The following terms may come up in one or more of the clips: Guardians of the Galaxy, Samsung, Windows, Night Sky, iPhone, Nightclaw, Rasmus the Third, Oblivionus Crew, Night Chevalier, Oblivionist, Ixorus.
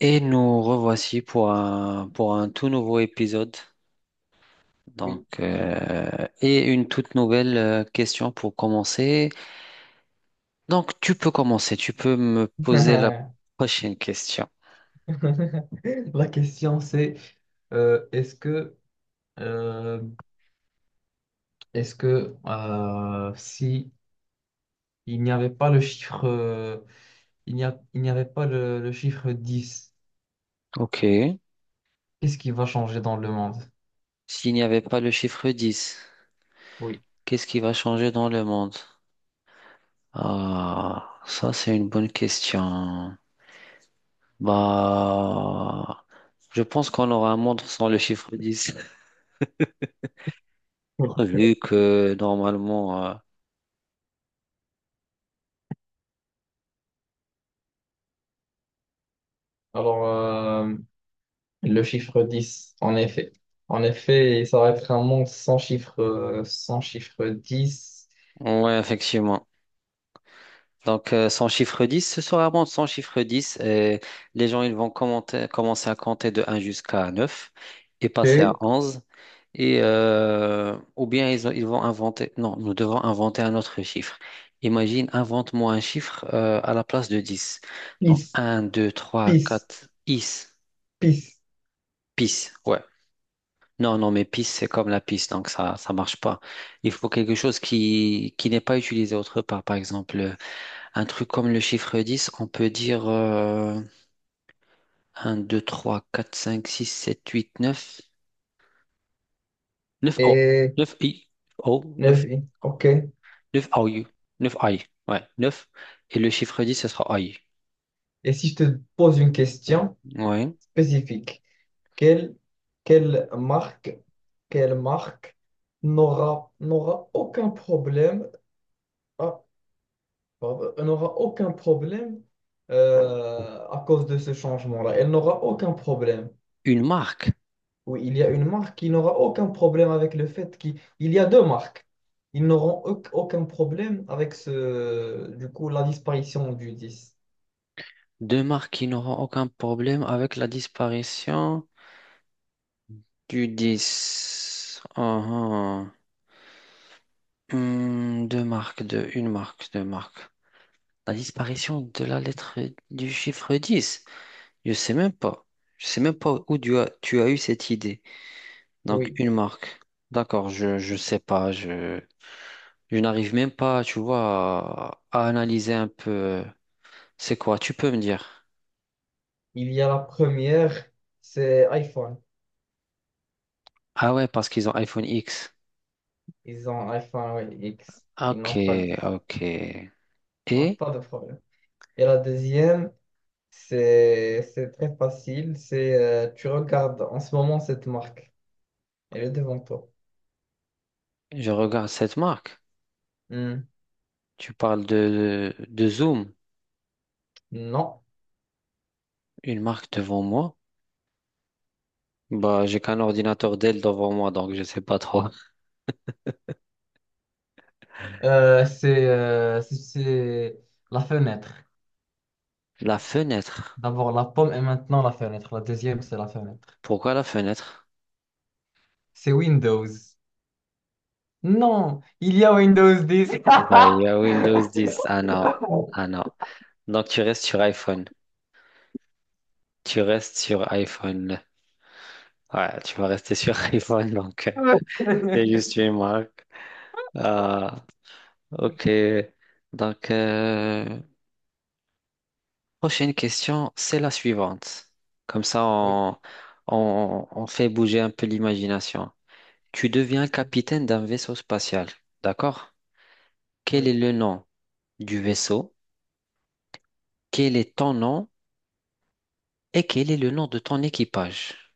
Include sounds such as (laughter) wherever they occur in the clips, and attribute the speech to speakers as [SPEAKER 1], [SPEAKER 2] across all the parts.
[SPEAKER 1] Et nous revoici pour un tout nouveau épisode. Donc,
[SPEAKER 2] Oui.
[SPEAKER 1] et une toute nouvelle question pour commencer. Donc, tu peux commencer. Tu peux me
[SPEAKER 2] (laughs)
[SPEAKER 1] poser la
[SPEAKER 2] La
[SPEAKER 1] prochaine question.
[SPEAKER 2] question, c'est, euh, est-ce que euh, est-ce que, si il n'y avait pas le chiffre euh, il n'y avait pas le chiffre dix,
[SPEAKER 1] OK.
[SPEAKER 2] qu'est-ce qui va changer dans le monde?
[SPEAKER 1] S'il n'y avait pas le chiffre dix,
[SPEAKER 2] Oui.
[SPEAKER 1] qu'est-ce qui va changer dans le monde? Ah, ça, c'est une bonne question. Bah, je pense qu'on aura un monde sans le chiffre 10 (laughs) vu que normalement,
[SPEAKER 2] Alors, le chiffre 10 en effet. En effet, ça va être un monde sans chiffre dix.
[SPEAKER 1] ouais, effectivement. Donc, son chiffre 10, ce sera bon, son chiffre 10, et les gens ils vont commencer à compter de un jusqu'à 9 et passer à
[SPEAKER 2] et
[SPEAKER 1] onze. Et, ou bien ils vont inventer, non, nous devons inventer un autre chiffre. Imagine, invente-moi un chiffre à la place de 10. Donc, un, 2, 3,
[SPEAKER 2] pis pis
[SPEAKER 1] 4,
[SPEAKER 2] pis
[SPEAKER 1] pis, ouais. Non, non, mais pis, c'est comme la pisse, donc ça ça marche pas. Il faut quelque chose qui n'est pas utilisé autre part, par exemple. Un truc comme le chiffre 10, on peut dire 1, 2, 3, 4, 5, 6, 7, 8, neuf, 9 O,
[SPEAKER 2] et
[SPEAKER 1] 9 I, O, neuf,
[SPEAKER 2] 9. Ok.
[SPEAKER 1] 9 OU, 9 I. Ouais, neuf. Et le chiffre dix, ce sera I.
[SPEAKER 2] Et si je te pose une question
[SPEAKER 1] Ouais.
[SPEAKER 2] spécifique, quelle, quelle marque, quelle marque n'aura aucun problème, ah, pardon, n'aura aucun problème, à cause de ce changement-là. Elle n'aura aucun problème.
[SPEAKER 1] Une marque.
[SPEAKER 2] Oui, il y a une marque qui n'aura aucun problème avec le fait qu'il il y a deux marques. Ils n'auront aucun problème avec du coup, la disparition du 10.
[SPEAKER 1] Deux marques qui n'auront aucun problème avec la disparition du 10. Uhum. Hmm, deux marques, deux, une marque, deux marques. La disparition de la lettre, du chiffre dix. Je sais même pas. Je sais même pas où tu as eu cette idée. Donc,
[SPEAKER 2] Oui,
[SPEAKER 1] une marque. D'accord, je sais pas. Je n'arrive même pas, tu vois, à analyser un peu. C'est quoi? Tu peux me dire.
[SPEAKER 2] il y a la première, c'est iPhone.
[SPEAKER 1] Ah ouais, parce qu'ils ont iPhone X.
[SPEAKER 2] Ils ont iPhone X. Ils
[SPEAKER 1] Ok,
[SPEAKER 2] n'ont pas 10.
[SPEAKER 1] ok.
[SPEAKER 2] On n'a
[SPEAKER 1] Et
[SPEAKER 2] pas de problème. Et la deuxième, c'est très facile. C'est tu regardes en ce moment cette marque. Elle est devant toi.
[SPEAKER 1] je regarde cette marque.
[SPEAKER 2] Hmm,
[SPEAKER 1] Tu parles de Zoom,
[SPEAKER 2] non.
[SPEAKER 1] une marque devant moi. Bah, j'ai qu'un ordinateur Dell devant moi, donc je sais pas trop.
[SPEAKER 2] C'est la fenêtre.
[SPEAKER 1] La fenêtre.
[SPEAKER 2] D'abord la pomme et maintenant la fenêtre. La deuxième, c'est la fenêtre.
[SPEAKER 1] Pourquoi la fenêtre?
[SPEAKER 2] C'est Windows. Non, il y a Windows 10.
[SPEAKER 1] Bah, il y a Windows 10. Ah non. Ah non. Donc, tu restes sur iPhone. Tu restes sur iPhone. Ouais, tu vas rester sur (laughs) iPhone. Donc, c'est
[SPEAKER 2] (laughs)
[SPEAKER 1] juste une marque. Ah, ok. Donc, prochaine question, c'est la suivante. Comme ça,
[SPEAKER 2] Oui.
[SPEAKER 1] on fait bouger un peu l'imagination. Tu deviens
[SPEAKER 2] Ok.
[SPEAKER 1] capitaine d'un vaisseau spatial. D'accord? Quel
[SPEAKER 2] Oui.
[SPEAKER 1] est le nom du vaisseau? Quel est ton nom? Et quel est le nom de ton équipage?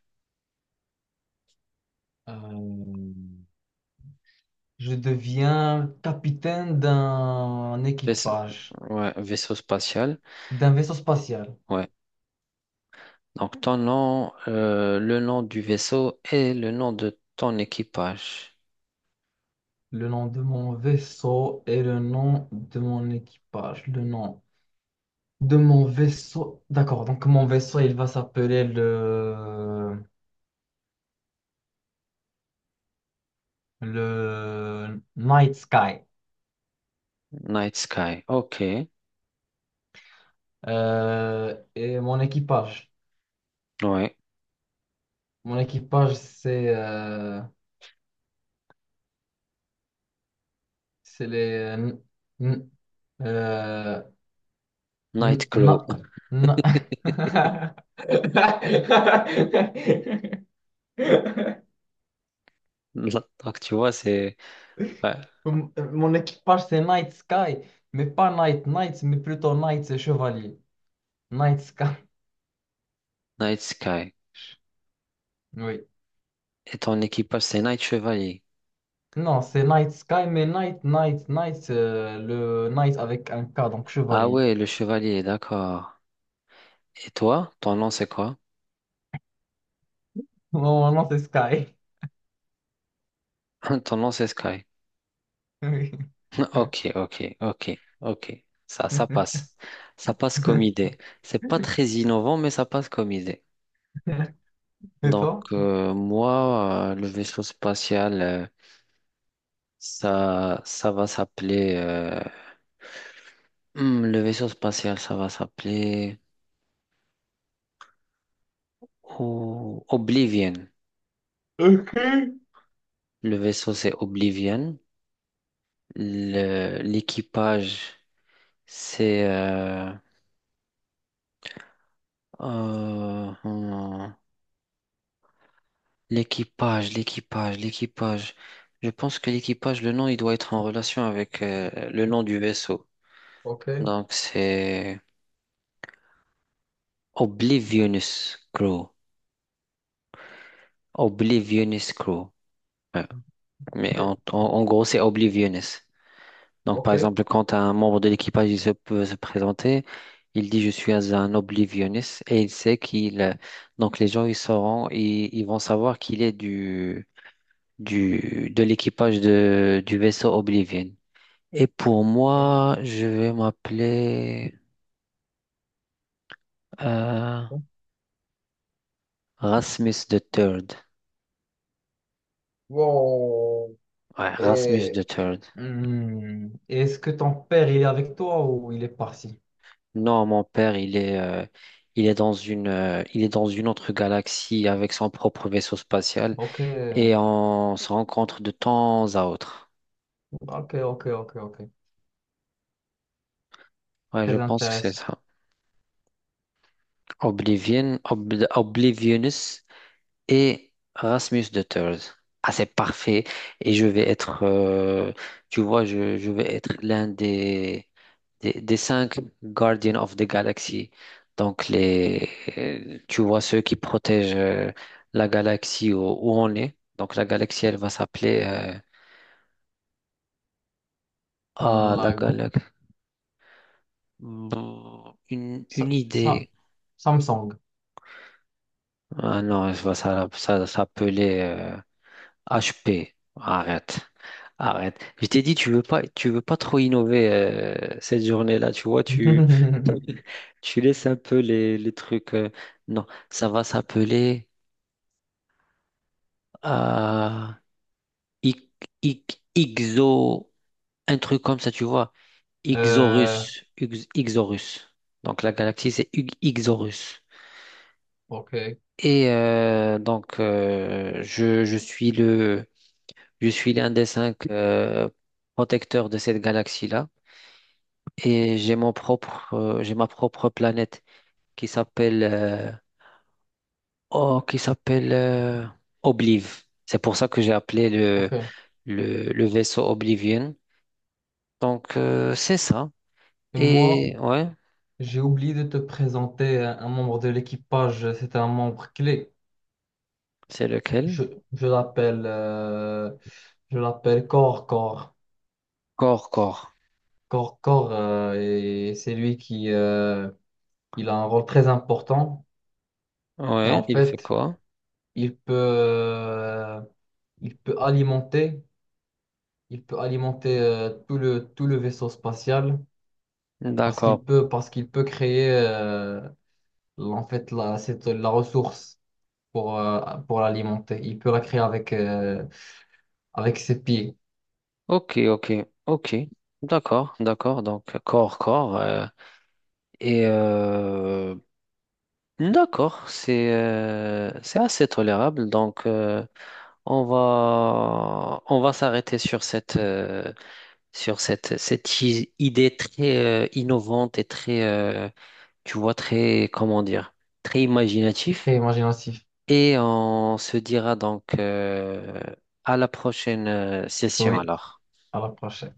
[SPEAKER 2] Euh, Je deviens capitaine d'un
[SPEAKER 1] Vaisse-
[SPEAKER 2] équipage,
[SPEAKER 1] ouais, vaisseau spatial.
[SPEAKER 2] d'un vaisseau spatial.
[SPEAKER 1] Ouais. Donc ton nom, le nom du vaisseau et le nom de ton équipage.
[SPEAKER 2] Le nom de mon vaisseau et le nom de mon équipage. Le nom de mon vaisseau. D'accord, donc mon vaisseau, il va s'appeler le Night Sky.
[SPEAKER 1] Night Sky. Ok.
[SPEAKER 2] Et mon équipage.
[SPEAKER 1] Ouais.
[SPEAKER 2] Mon équipage, c'est les... euh,
[SPEAKER 1] Nightclaw.
[SPEAKER 2] non, non. (laughs)
[SPEAKER 1] (laughs) Donc tu vois, c'est ouais.
[SPEAKER 2] Mon équipage, c'est Night Sky, mais pas Night Knight, mais plutôt Knight, c'est chevalier. Night Sky,
[SPEAKER 1] Night Sky.
[SPEAKER 2] oui.
[SPEAKER 1] Et ton équipage, c'est Night Chevalier.
[SPEAKER 2] Non, c'est Night Sky, mais Night, Night, Night, c'est le Night avec un K, donc
[SPEAKER 1] Ah
[SPEAKER 2] chevalier.
[SPEAKER 1] ouais, le chevalier, d'accord. Et toi, ton nom, c'est quoi?
[SPEAKER 2] Mon nom, c'est Sky.
[SPEAKER 1] (laughs) Ton nom, c'est Sky.
[SPEAKER 2] (laughs) Oui.
[SPEAKER 1] (laughs) Ok, ok, ok, ok. Ça passe. Ça passe comme idée. C'est pas très innovant, mais ça passe comme idée.
[SPEAKER 2] Et
[SPEAKER 1] Donc,
[SPEAKER 2] toi?
[SPEAKER 1] moi, le vaisseau spatial, ça, ça va s'appeler, le vaisseau spatial, ça va s'appeler, oh, Oblivion.
[SPEAKER 2] Ok.
[SPEAKER 1] Le vaisseau, c'est Oblivion. L'équipage, c'est, euh, hmm, l'équipage, l'équipage, l'équipage. Je pense que l'équipage, le nom, il doit être en relation avec, le nom du vaisseau.
[SPEAKER 2] Ok.
[SPEAKER 1] Donc, c'est Oblivionus Crew. Oblivionist Crew. Ouais. Mais en gros, c'est Oblivionist. Donc, par
[SPEAKER 2] Ok.
[SPEAKER 1] exemple, quand un membre de l'équipage il se peut se présenter, il dit je suis un Oblivionist et il sait qu'il. Donc, les gens ils sauront, ils vont savoir qu'il est de l'équipage du vaisseau Oblivion. Et pour moi, je vais m'appeler euh, Rasmus the Third.
[SPEAKER 2] Wow.
[SPEAKER 1] Ouais, Rasmus
[SPEAKER 2] Et
[SPEAKER 1] the Third.
[SPEAKER 2] Hmm. Et est-ce que ton père, il est avec toi ou il est parti?
[SPEAKER 1] Non, mon père, il est dans une autre galaxie avec son propre vaisseau spatial
[SPEAKER 2] Ok,
[SPEAKER 1] et on se rencontre de temps à autre.
[SPEAKER 2] ok, ok, ok, ok.
[SPEAKER 1] Ouais, je
[SPEAKER 2] Très
[SPEAKER 1] pense que c'est
[SPEAKER 2] intéressant.
[SPEAKER 1] ça. Oblivion, Oblivionus, et Rasmus de Thurs. Ah, c'est parfait. Et je vais être, tu vois, je vais être l'un des cinq Guardians of the Galaxy. Donc, tu vois, ceux qui protègent la galaxie où on est. Donc, la galaxie, elle va s'appeler. Ah, la
[SPEAKER 2] La...
[SPEAKER 1] galaxie. Bon, une
[SPEAKER 2] Sa- Sa-
[SPEAKER 1] idée.
[SPEAKER 2] Samsung.
[SPEAKER 1] Ah non, je vois ça, ça s'appeler. HP, arrête, arrête. Je t'ai dit, tu veux pas trop innover cette journée-là, tu vois,
[SPEAKER 2] (laughs)
[SPEAKER 1] (laughs) tu laisses un peu les trucs. Non, ça va s'appeler euh, Ix- Ixo, un truc comme ça, tu vois.
[SPEAKER 2] Euh,
[SPEAKER 1] Ixorus, Ixorus. Donc la galaxie, c'est Ixorus.
[SPEAKER 2] ok,
[SPEAKER 1] Et donc, je suis l'un des cinq protecteurs de cette galaxie-là. Et j'ai ma propre planète qui s'appelle euh, oh, qui s'appelle Obliv. C'est pour ça que j'ai appelé le,
[SPEAKER 2] ok.
[SPEAKER 1] le, le vaisseau Oblivion. Donc, c'est ça.
[SPEAKER 2] Et moi,
[SPEAKER 1] Et ouais,
[SPEAKER 2] j'ai oublié de te présenter un membre de l'équipage. C'était un membre clé.
[SPEAKER 1] c'est
[SPEAKER 2] Je,
[SPEAKER 1] lequel?
[SPEAKER 2] je l'appelle euh, je l'appelle Cor, Cor,
[SPEAKER 1] Corps, corps.
[SPEAKER 2] Cor, Cor. Et c'est lui qui, il a un rôle très important. Et
[SPEAKER 1] Ouais,
[SPEAKER 2] en
[SPEAKER 1] il fait
[SPEAKER 2] fait,
[SPEAKER 1] quoi?
[SPEAKER 2] il peut, euh, il peut alimenter, tout le vaisseau spatial
[SPEAKER 1] D'accord.
[SPEAKER 2] parce qu'il peut créer, en fait la, cette, la ressource, pour l'alimenter. Il peut la créer avec ses pieds.
[SPEAKER 1] Ok, ok, ok. D'accord, d'accord. Donc corps, corps. Et d'accord, c'est assez tolérable. Donc, on va s'arrêter sur cette idée très innovante et très, tu vois, très, comment dire, très
[SPEAKER 2] C'est
[SPEAKER 1] imaginatif.
[SPEAKER 2] imaginatif.
[SPEAKER 1] Et on se dira donc à la prochaine session
[SPEAKER 2] Oui,
[SPEAKER 1] alors.
[SPEAKER 2] à la prochaine.